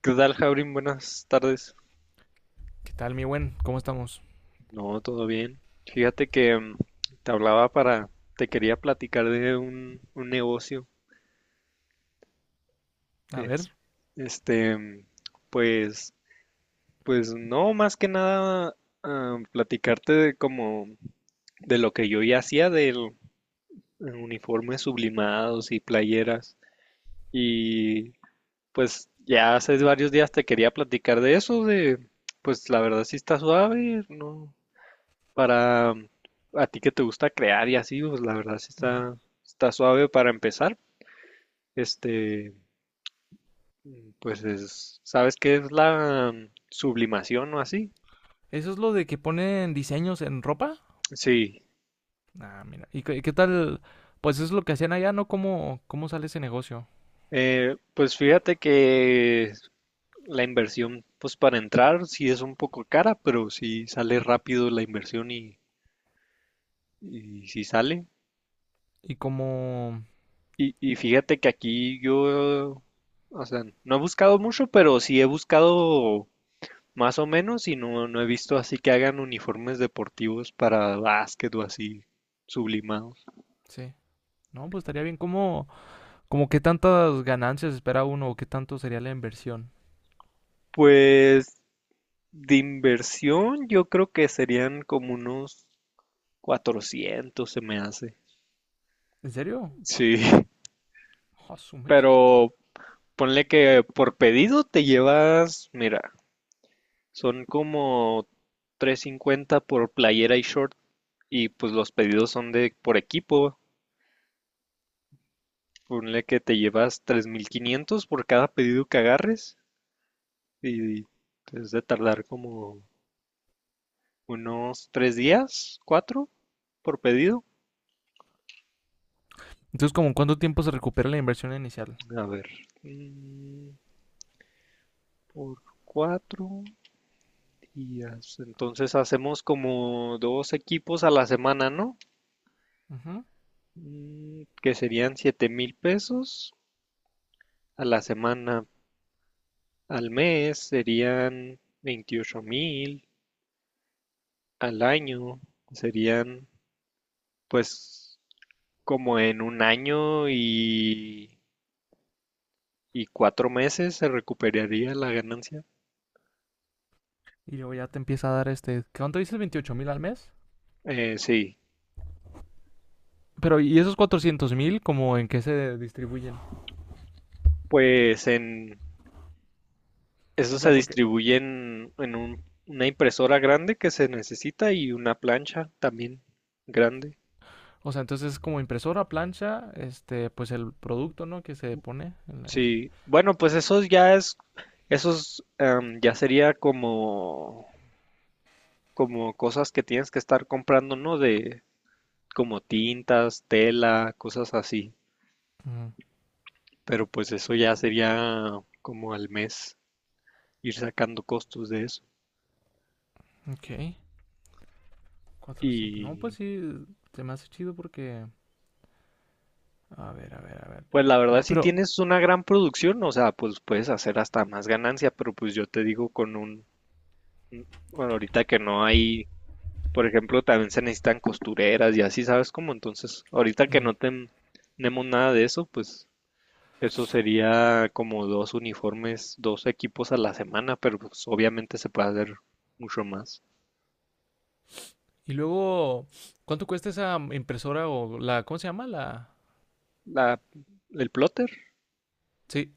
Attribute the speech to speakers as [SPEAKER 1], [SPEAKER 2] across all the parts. [SPEAKER 1] ¿Qué tal, Jaurim? Buenas tardes.
[SPEAKER 2] ¿Qué tal, mi buen? ¿Cómo estamos?
[SPEAKER 1] No, todo bien. Fíjate que te hablaba para, te quería platicar de un negocio.
[SPEAKER 2] A
[SPEAKER 1] Es,
[SPEAKER 2] ver.
[SPEAKER 1] este, mm, pues, pues no, más que nada platicarte de como de lo que yo ya hacía del uniformes sublimados y playeras. Y pues ya hace varios días te quería platicar de eso, de pues la verdad sí está suave, no, para a ti que te gusta crear y así, pues la verdad sí
[SPEAKER 2] Uh-huh.
[SPEAKER 1] está, está suave para empezar. Este, pues es, ¿sabes qué es la sublimación o así?
[SPEAKER 2] ¿Eso es lo de que ponen diseños en ropa?
[SPEAKER 1] Sí,
[SPEAKER 2] Ah, mira. ¿Y qué tal? Pues eso es lo que hacían allá, ¿no? ¿Cómo sale ese negocio?
[SPEAKER 1] pues fíjate que la inversión, pues para entrar sí es un poco cara, pero sí sale rápido la inversión y sí sale.
[SPEAKER 2] Y cómo...
[SPEAKER 1] Y fíjate que aquí yo, o sea, no he buscado mucho, pero sí he buscado más o menos, y no, no he visto así que hagan uniformes deportivos para básquet o así sublimados.
[SPEAKER 2] Sí. No, pues estaría bien. ¿Cómo qué tantas ganancias espera uno o qué tanto sería la inversión?
[SPEAKER 1] Pues de inversión yo creo que serían como unos 400 se me hace.
[SPEAKER 2] ¿En serio?
[SPEAKER 1] Sí,
[SPEAKER 2] Ah, su mecha.
[SPEAKER 1] pero ponle que por pedido te llevas, mira, son como 350 por playera y short, y pues los pedidos son de por equipo. Ponle que te llevas 3,500 por cada pedido que agarres. Y es de tardar como unos 3 días, cuatro, por pedido.
[SPEAKER 2] Entonces, ¿como cuánto tiempo se recupera la inversión inicial?
[SPEAKER 1] A ver, mm, por 4 días. Entonces hacemos como dos equipos a la semana, ¿no?
[SPEAKER 2] Ujú.
[SPEAKER 1] Que serían $7,000 a la semana. Al mes serían 28,000. Al año serían, pues, como en un año y 4 meses se recuperaría la ganancia.
[SPEAKER 2] Y luego ya te empieza a dar este... ¿Cuánto dices? ¿28,000 al mes?
[SPEAKER 1] Sí,
[SPEAKER 2] Pero, ¿y esos 400,000 como en qué se distribuyen?
[SPEAKER 1] pues en eso
[SPEAKER 2] O
[SPEAKER 1] se
[SPEAKER 2] sea, porque
[SPEAKER 1] distribuye en una impresora grande que se necesita y una plancha también grande.
[SPEAKER 2] o sea, entonces es como impresora, plancha, este, pues el producto, ¿no? Que se pone en la...
[SPEAKER 1] Sí, bueno, pues eso ya es, esos ya sería como, como cosas que tienes que estar comprando, ¿no? De como tintas, tela, cosas así.
[SPEAKER 2] Ujú,
[SPEAKER 1] Pero pues eso ya sería como al mes ir sacando costos de eso.
[SPEAKER 2] ok. 400. No, pues
[SPEAKER 1] Y
[SPEAKER 2] sí, se me hace chido porque... A ver, a ver, a ver.
[SPEAKER 1] pues la verdad,
[SPEAKER 2] No,
[SPEAKER 1] si
[SPEAKER 2] pero...
[SPEAKER 1] tienes una gran producción, o sea, pues puedes hacer hasta más ganancia, pero pues yo te digo con un, bueno, ahorita que no hay, por ejemplo, también se necesitan costureras y así, ¿sabes cómo? Entonces, ahorita que
[SPEAKER 2] mm,
[SPEAKER 1] tenemos nada de eso, pues eso sería como dos uniformes, dos equipos a la semana, pero pues obviamente se puede hacer mucho más.
[SPEAKER 2] Y luego, ¿cuánto cuesta esa impresora o la... ¿Cómo se llama? La...
[SPEAKER 1] La, el plotter,
[SPEAKER 2] Sí.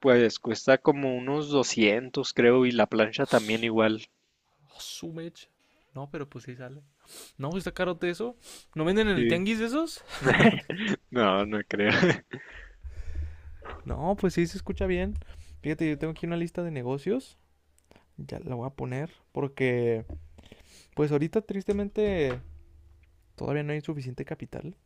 [SPEAKER 1] pues cuesta como unos 200 creo, y la plancha también
[SPEAKER 2] Os-
[SPEAKER 1] igual.
[SPEAKER 2] Osumech. No, pero pues sí sale. No, pues está carote eso. ¿No venden en el
[SPEAKER 1] Sí.
[SPEAKER 2] tianguis esos?
[SPEAKER 1] No, no creo.
[SPEAKER 2] No, pues sí se escucha bien. Fíjate, yo tengo aquí una lista de negocios. Ya la voy a poner porque... Pues ahorita tristemente todavía no hay suficiente capital,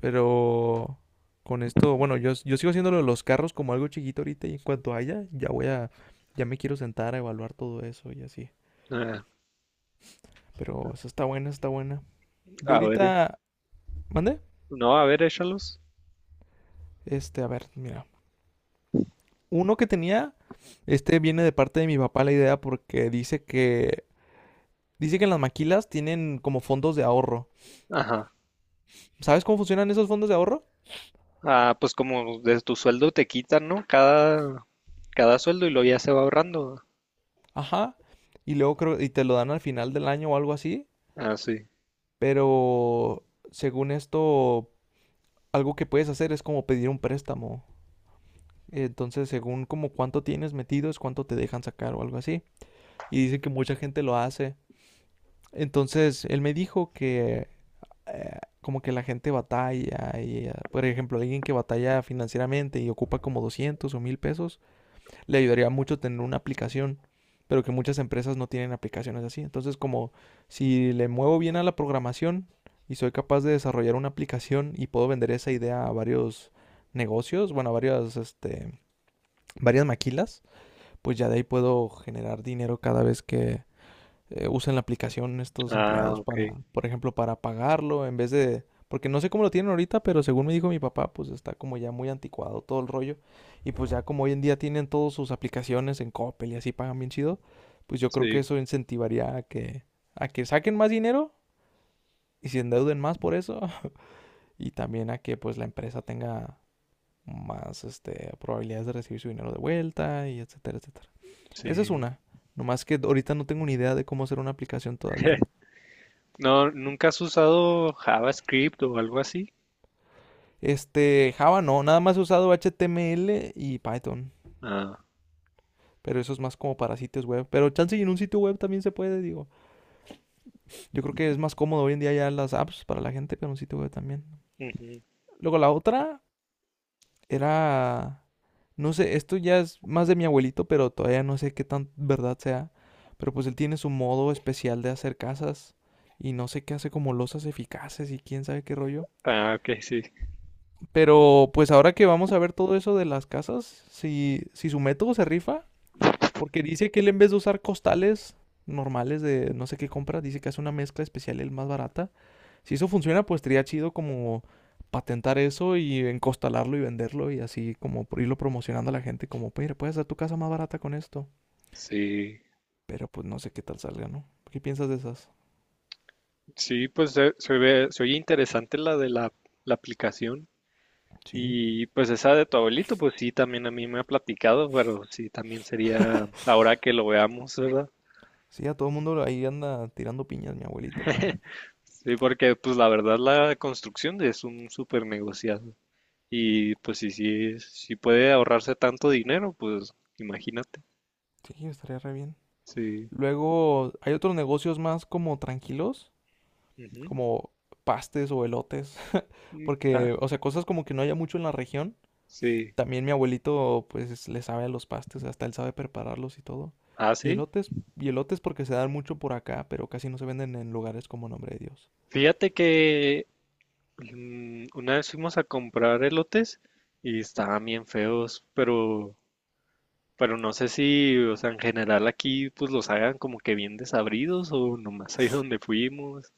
[SPEAKER 2] pero con esto, bueno, yo sigo haciéndolo de los carros como algo chiquito ahorita y en cuanto haya, ya me quiero sentar a evaluar todo eso y así. Pero esa está buena, está buena. Yo
[SPEAKER 1] A ver,
[SPEAKER 2] ahorita, ¿mandé?
[SPEAKER 1] no, a ver, échalos.
[SPEAKER 2] Este, a ver, mira. Uno que tenía, este viene de parte de mi papá la idea porque dice que las maquilas tienen como fondos de ahorro.
[SPEAKER 1] Ajá.
[SPEAKER 2] ¿Sabes cómo funcionan esos fondos de ahorro?
[SPEAKER 1] Ah, pues como de tu sueldo te quitan, ¿no? Cada sueldo y lo ya se va ahorrando.
[SPEAKER 2] Ajá. Y luego creo, y te lo dan al final del año o algo así.
[SPEAKER 1] Ah, sí.
[SPEAKER 2] Pero según esto, algo que puedes hacer es como pedir un préstamo. Entonces, según como cuánto tienes metido, es cuánto te dejan sacar o algo así. Y dicen que mucha gente lo hace. Entonces, él me dijo que como que la gente batalla y, por ejemplo, alguien que batalla financieramente y ocupa como 200 o 1,000 pesos, le ayudaría mucho tener una aplicación, pero que muchas empresas no tienen aplicaciones así. Entonces, como si le muevo bien a la programación y soy capaz de desarrollar una aplicación y puedo vender esa idea a varios negocios, bueno, varias maquilas, pues ya de ahí puedo generar dinero cada vez que usan la aplicación estos
[SPEAKER 1] Ah,
[SPEAKER 2] empleados para,
[SPEAKER 1] ok.
[SPEAKER 2] por ejemplo, para pagarlo en vez de... Porque no sé cómo lo tienen ahorita, pero según me dijo mi papá, pues está como ya muy anticuado todo el rollo. Y pues ya como hoy en día tienen todas sus aplicaciones en Coppel y así pagan bien chido, pues yo creo que
[SPEAKER 1] Sí,
[SPEAKER 2] eso incentivaría a que saquen más dinero y se endeuden más por eso. Y también a que pues la empresa tenga más este, probabilidades de recibir su dinero de vuelta y etcétera, etcétera. Esa es
[SPEAKER 1] sí.
[SPEAKER 2] una. Nomás que ahorita no tengo ni idea de cómo hacer una aplicación todavía.
[SPEAKER 1] No, ¿nunca has usado JavaScript o algo así?
[SPEAKER 2] Este, Java no, nada más he usado HTML y Python.
[SPEAKER 1] Ah,
[SPEAKER 2] Pero eso es más como para sitios web. Pero chance y en un sitio web también se puede, digo. Yo creo que es más cómodo hoy en día ya las apps para la gente, pero un sitio web también.
[SPEAKER 1] ujú.
[SPEAKER 2] Luego la otra era, no sé, esto ya es más de mi abuelito, pero todavía no sé qué tan verdad sea. Pero pues él tiene su modo especial de hacer casas y no sé qué hace como losas eficaces y quién sabe qué rollo.
[SPEAKER 1] Ah, ok, sí.
[SPEAKER 2] Pero pues ahora que vamos a ver todo eso de las casas, si su método se rifa. Porque dice que él en vez de usar costales normales de no sé qué compra, dice que hace una mezcla especial, el más barata. Si eso funciona, pues estaría chido como patentar eso y encostalarlo y venderlo y así como por irlo promocionando a la gente como, mira, puedes hacer tu casa más barata con esto.
[SPEAKER 1] Sí,
[SPEAKER 2] Pero pues no sé qué tal salga, ¿no? ¿Qué piensas de esas?
[SPEAKER 1] sí, pues se ve, se oye interesante la de la aplicación.
[SPEAKER 2] Sí.
[SPEAKER 1] Y pues esa de tu abuelito, pues sí, también a mí me ha platicado, pero sí, también sería ahora que lo veamos, ¿verdad?
[SPEAKER 2] Sí, a todo el mundo ahí anda tirando piñas mi abuelito, pero
[SPEAKER 1] Sí, porque pues la verdad la construcción es un súper negociado. Y pues si, si, si puede ahorrarse tanto dinero, pues imagínate.
[SPEAKER 2] sí, estaría re bien.
[SPEAKER 1] Sí.
[SPEAKER 2] Luego hay otros negocios más como tranquilos,
[SPEAKER 1] Ujú.
[SPEAKER 2] como pastes o elotes,
[SPEAKER 1] Ah,
[SPEAKER 2] porque, o sea, cosas como que no haya mucho en la región.
[SPEAKER 1] sí.
[SPEAKER 2] También mi abuelito, pues, le sabe a los pastes, hasta él sabe prepararlos y todo.
[SPEAKER 1] Ah,
[SPEAKER 2] Y
[SPEAKER 1] sí.
[SPEAKER 2] elotes, y elotes porque se dan mucho por acá, pero casi no se venden en lugares como Nombre de Dios.
[SPEAKER 1] Fíjate que una vez fuimos a comprar elotes y estaban bien feos, pero no sé si, o sea, en general aquí pues los hagan como que bien desabridos o nomás ahí donde fuimos.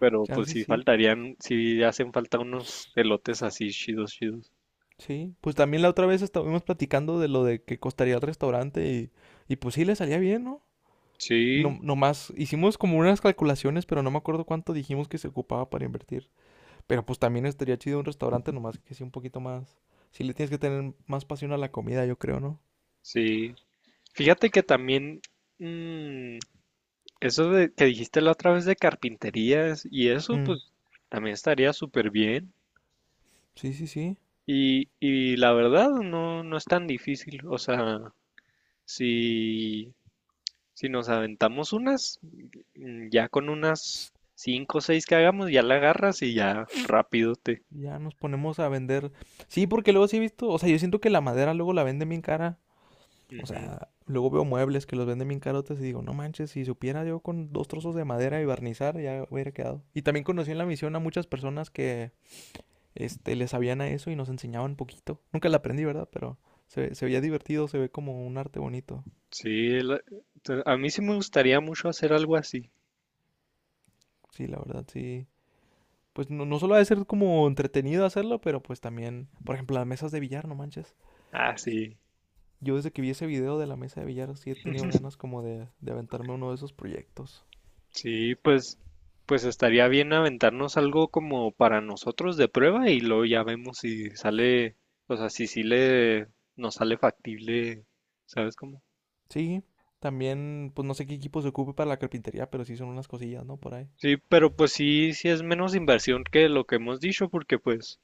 [SPEAKER 1] Pero
[SPEAKER 2] Chance
[SPEAKER 1] pues
[SPEAKER 2] y
[SPEAKER 1] sí
[SPEAKER 2] sí,
[SPEAKER 1] faltarían, sí hacen falta unos elotes así chidos, chidos.
[SPEAKER 2] sí. Pues también la otra vez estuvimos platicando de lo de que costaría el restaurante y pues sí, le salía bien, ¿no? No,
[SPEAKER 1] Sí,
[SPEAKER 2] nomás hicimos como unas calculaciones, pero no me acuerdo cuánto dijimos que se ocupaba para invertir. Pero pues también estaría chido un restaurante, nomás que sea un poquito más. Si le tienes que tener más pasión a la comida, yo creo, ¿no?
[SPEAKER 1] sí. Fíjate que también mm, eso de que dijiste la otra vez de carpinterías y eso,
[SPEAKER 2] Mm,
[SPEAKER 1] pues también estaría súper bien.
[SPEAKER 2] sí, sí, sí.
[SPEAKER 1] Y la verdad no, no es tan difícil. O sea, si, si nos aventamos unas, ya con unas cinco o seis que hagamos, ya la agarras y ya rápido te.
[SPEAKER 2] Ya nos ponemos a vender. Sí, porque luego sí he visto. O sea, yo siento que la madera luego la venden bien cara. O sea, luego veo muebles que los venden bien carotes y digo, no manches, si supiera yo, con dos trozos de madera y barnizar, ya hubiera quedado. Y también conocí en la misión a muchas personas que este, le sabían a eso y nos enseñaban poquito. Nunca la aprendí, ¿verdad? Pero se veía divertido, se ve como un arte bonito.
[SPEAKER 1] Sí, la- a mí sí me gustaría mucho hacer algo así.
[SPEAKER 2] Sí, la verdad, sí. Pues no, no solo ha de ser como entretenido hacerlo, pero pues también, por ejemplo, las mesas de billar, no manches.
[SPEAKER 1] Ah, sí.
[SPEAKER 2] Yo desde que vi ese video de la mesa de billar sí he tenido ganas como de aventarme uno de esos proyectos.
[SPEAKER 1] Sí, pues, pues estaría bien aventarnos algo como para nosotros de prueba y luego ya vemos si sale, o sea, si sí le, nos sale factible, ¿sabes cómo?
[SPEAKER 2] Sí, también, pues no sé qué equipo se ocupe para la carpintería, pero sí son unas cosillas, ¿no? Por ahí.
[SPEAKER 1] Sí, pero pues sí, sí es menos inversión que lo que hemos dicho porque pues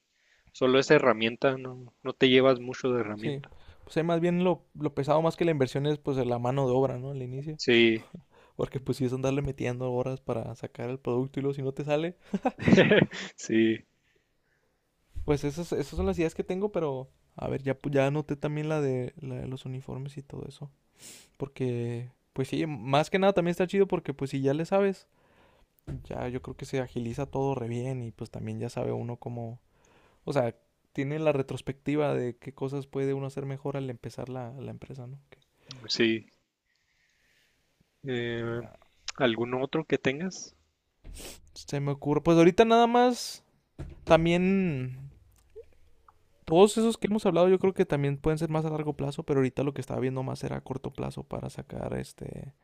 [SPEAKER 1] solo es herramienta, no, no te llevas mucho de
[SPEAKER 2] Sí,
[SPEAKER 1] herramienta.
[SPEAKER 2] pues ahí más bien lo pesado más que la inversión es pues la mano de obra, ¿no? Al inicio.
[SPEAKER 1] Sí,
[SPEAKER 2] Porque pues si es andarle metiendo horas para sacar el producto y luego si no te sale.
[SPEAKER 1] sí,
[SPEAKER 2] Pues esas son las ideas que tengo, pero a ver, ya anoté también la de los uniformes y todo eso. Porque, pues sí, más que nada también está chido porque pues si ya le sabes, ya yo creo que se agiliza todo re bien y pues también ya sabe uno cómo, o sea, tiene la retrospectiva de qué cosas puede uno hacer mejor al empezar la empresa, ¿no?
[SPEAKER 1] sí. Eh,
[SPEAKER 2] Nah,
[SPEAKER 1] ¿Algún otro que tengas?
[SPEAKER 2] se me ocurre, pues ahorita nada más, también todos esos que hemos hablado yo creo que también pueden ser más a largo plazo, pero ahorita lo que estaba viendo más era a corto plazo para sacar este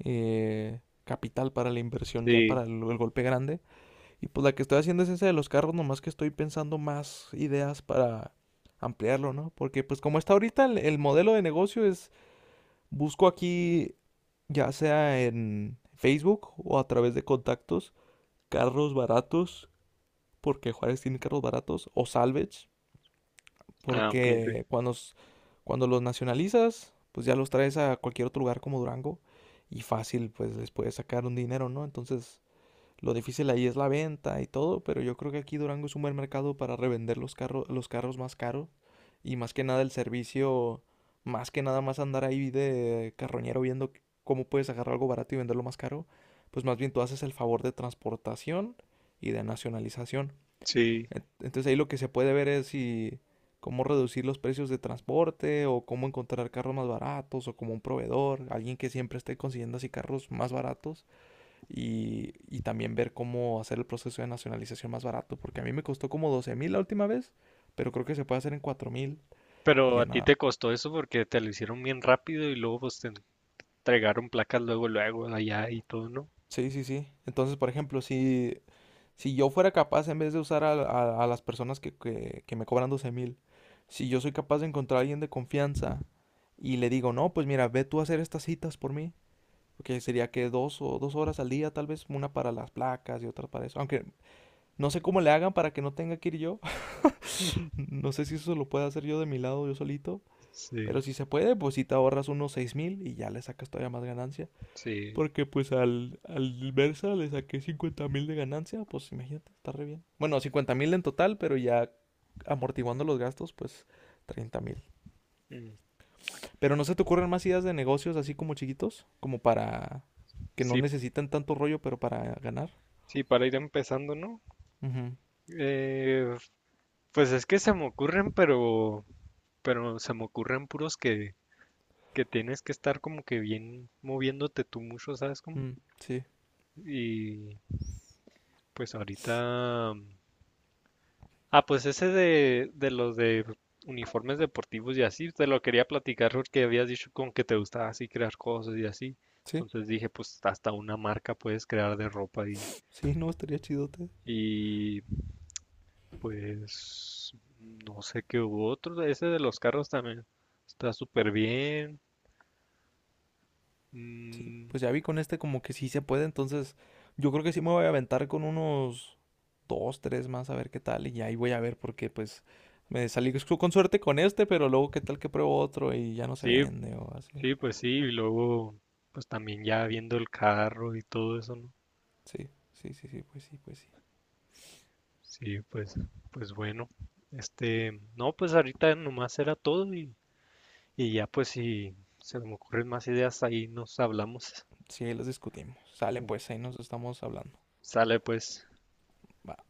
[SPEAKER 2] capital para la inversión ya
[SPEAKER 1] Sí.
[SPEAKER 2] para el golpe grande. Y pues la que estoy haciendo es esa de los carros, nomás que estoy pensando más ideas para ampliarlo, ¿no? Porque pues como está ahorita el modelo de negocio es, busco aquí, ya sea en Facebook o a través de contactos, carros baratos, porque Juárez tiene carros baratos, o salvage,
[SPEAKER 1] Ah, ok, sí.
[SPEAKER 2] porque cuando los nacionalizas, pues ya los traes a cualquier otro lugar como Durango y fácil, pues les puedes sacar un dinero, ¿no? Entonces... Lo difícil ahí es la venta y todo, pero yo creo que aquí Durango es un buen mercado para revender los carros, más caros, y más que nada el servicio, más que nada más andar ahí de carroñero viendo cómo puedes agarrar algo barato y venderlo más caro, pues más bien tú haces el favor de transportación y de nacionalización.
[SPEAKER 1] Sí,
[SPEAKER 2] Entonces ahí lo que se puede ver es si cómo reducir los precios de transporte o cómo encontrar carros más baratos o como un proveedor, alguien que siempre esté consiguiendo así carros más baratos y también ver cómo hacer el proceso de nacionalización más barato, porque a mí me costó como 12,000 la última vez, pero creo que se puede hacer en 4,000 y
[SPEAKER 1] pero a
[SPEAKER 2] ya
[SPEAKER 1] ti
[SPEAKER 2] nada.
[SPEAKER 1] te costó eso porque te lo hicieron bien rápido y luego pues te entregaron placas luego, luego allá y todo, ¿no?
[SPEAKER 2] Sí, sí, sí. Entonces, por ejemplo, si yo fuera capaz, en vez de usar a las personas que me cobran 12,000, si yo soy capaz de encontrar a alguien de confianza y le digo, no, pues mira, ve tú a hacer estas citas por mí, porque sería que 2 horas al día, tal vez una para las placas y otra para eso. Aunque no sé cómo le hagan para que no tenga que ir yo, no sé si eso lo puedo hacer yo de mi lado, yo solito.
[SPEAKER 1] Sí,
[SPEAKER 2] Pero si se puede, pues si te ahorras unos 6,000 y ya le sacas todavía más ganancia.
[SPEAKER 1] sí.
[SPEAKER 2] Porque pues al Versa le saqué 50,000 de ganancia, pues imagínate, está re bien. Bueno, 50,000 en total, pero ya amortiguando los gastos, pues 30,000.
[SPEAKER 1] Mm.
[SPEAKER 2] Pero no se te ocurren más ideas de negocios así como chiquitos, como para que no
[SPEAKER 1] Sí,
[SPEAKER 2] necesitan tanto rollo, pero para ganar.
[SPEAKER 1] sí, para ir empezando, ¿no?
[SPEAKER 2] Ujú,
[SPEAKER 1] Eh, pues es que se me ocurren, pero se me ocurren puros que tienes que estar como que bien moviéndote tú mucho, ¿sabes cómo?
[SPEAKER 2] mm, sí,
[SPEAKER 1] Y pues ahorita ah, pues ese de los de uniformes deportivos y así, te lo quería platicar porque habías dicho con que te gustaba así crear cosas y así.
[SPEAKER 2] sí,
[SPEAKER 1] Entonces dije, pues hasta una marca puedes crear de ropa
[SPEAKER 2] sí, no, estaría chidote.
[SPEAKER 1] y pues no sé qué hubo otro. Ese de los carros también está súper bien.
[SPEAKER 2] Sí,
[SPEAKER 1] Mm,
[SPEAKER 2] pues ya vi con este como que sí se puede, entonces yo creo que sí me voy a aventar con unos dos, tres más a ver qué tal, y ahí voy a ver porque pues me salí con suerte con este, pero luego qué tal que pruebo otro y ya no se
[SPEAKER 1] sí,
[SPEAKER 2] vende o así.
[SPEAKER 1] sí, pues sí. Y luego, pues también ya viendo el carro y todo eso, ¿no?
[SPEAKER 2] Sí, sí, sí, sí, pues sí, pues sí.
[SPEAKER 1] Sí, pues, pues bueno, este, no, pues ahorita nomás era todo y ya pues si se me ocurren más ideas ahí nos hablamos.
[SPEAKER 2] Sí, ahí los discutimos. Sale pues, ahí nos estamos hablando.
[SPEAKER 1] Sale pues.
[SPEAKER 2] Bye.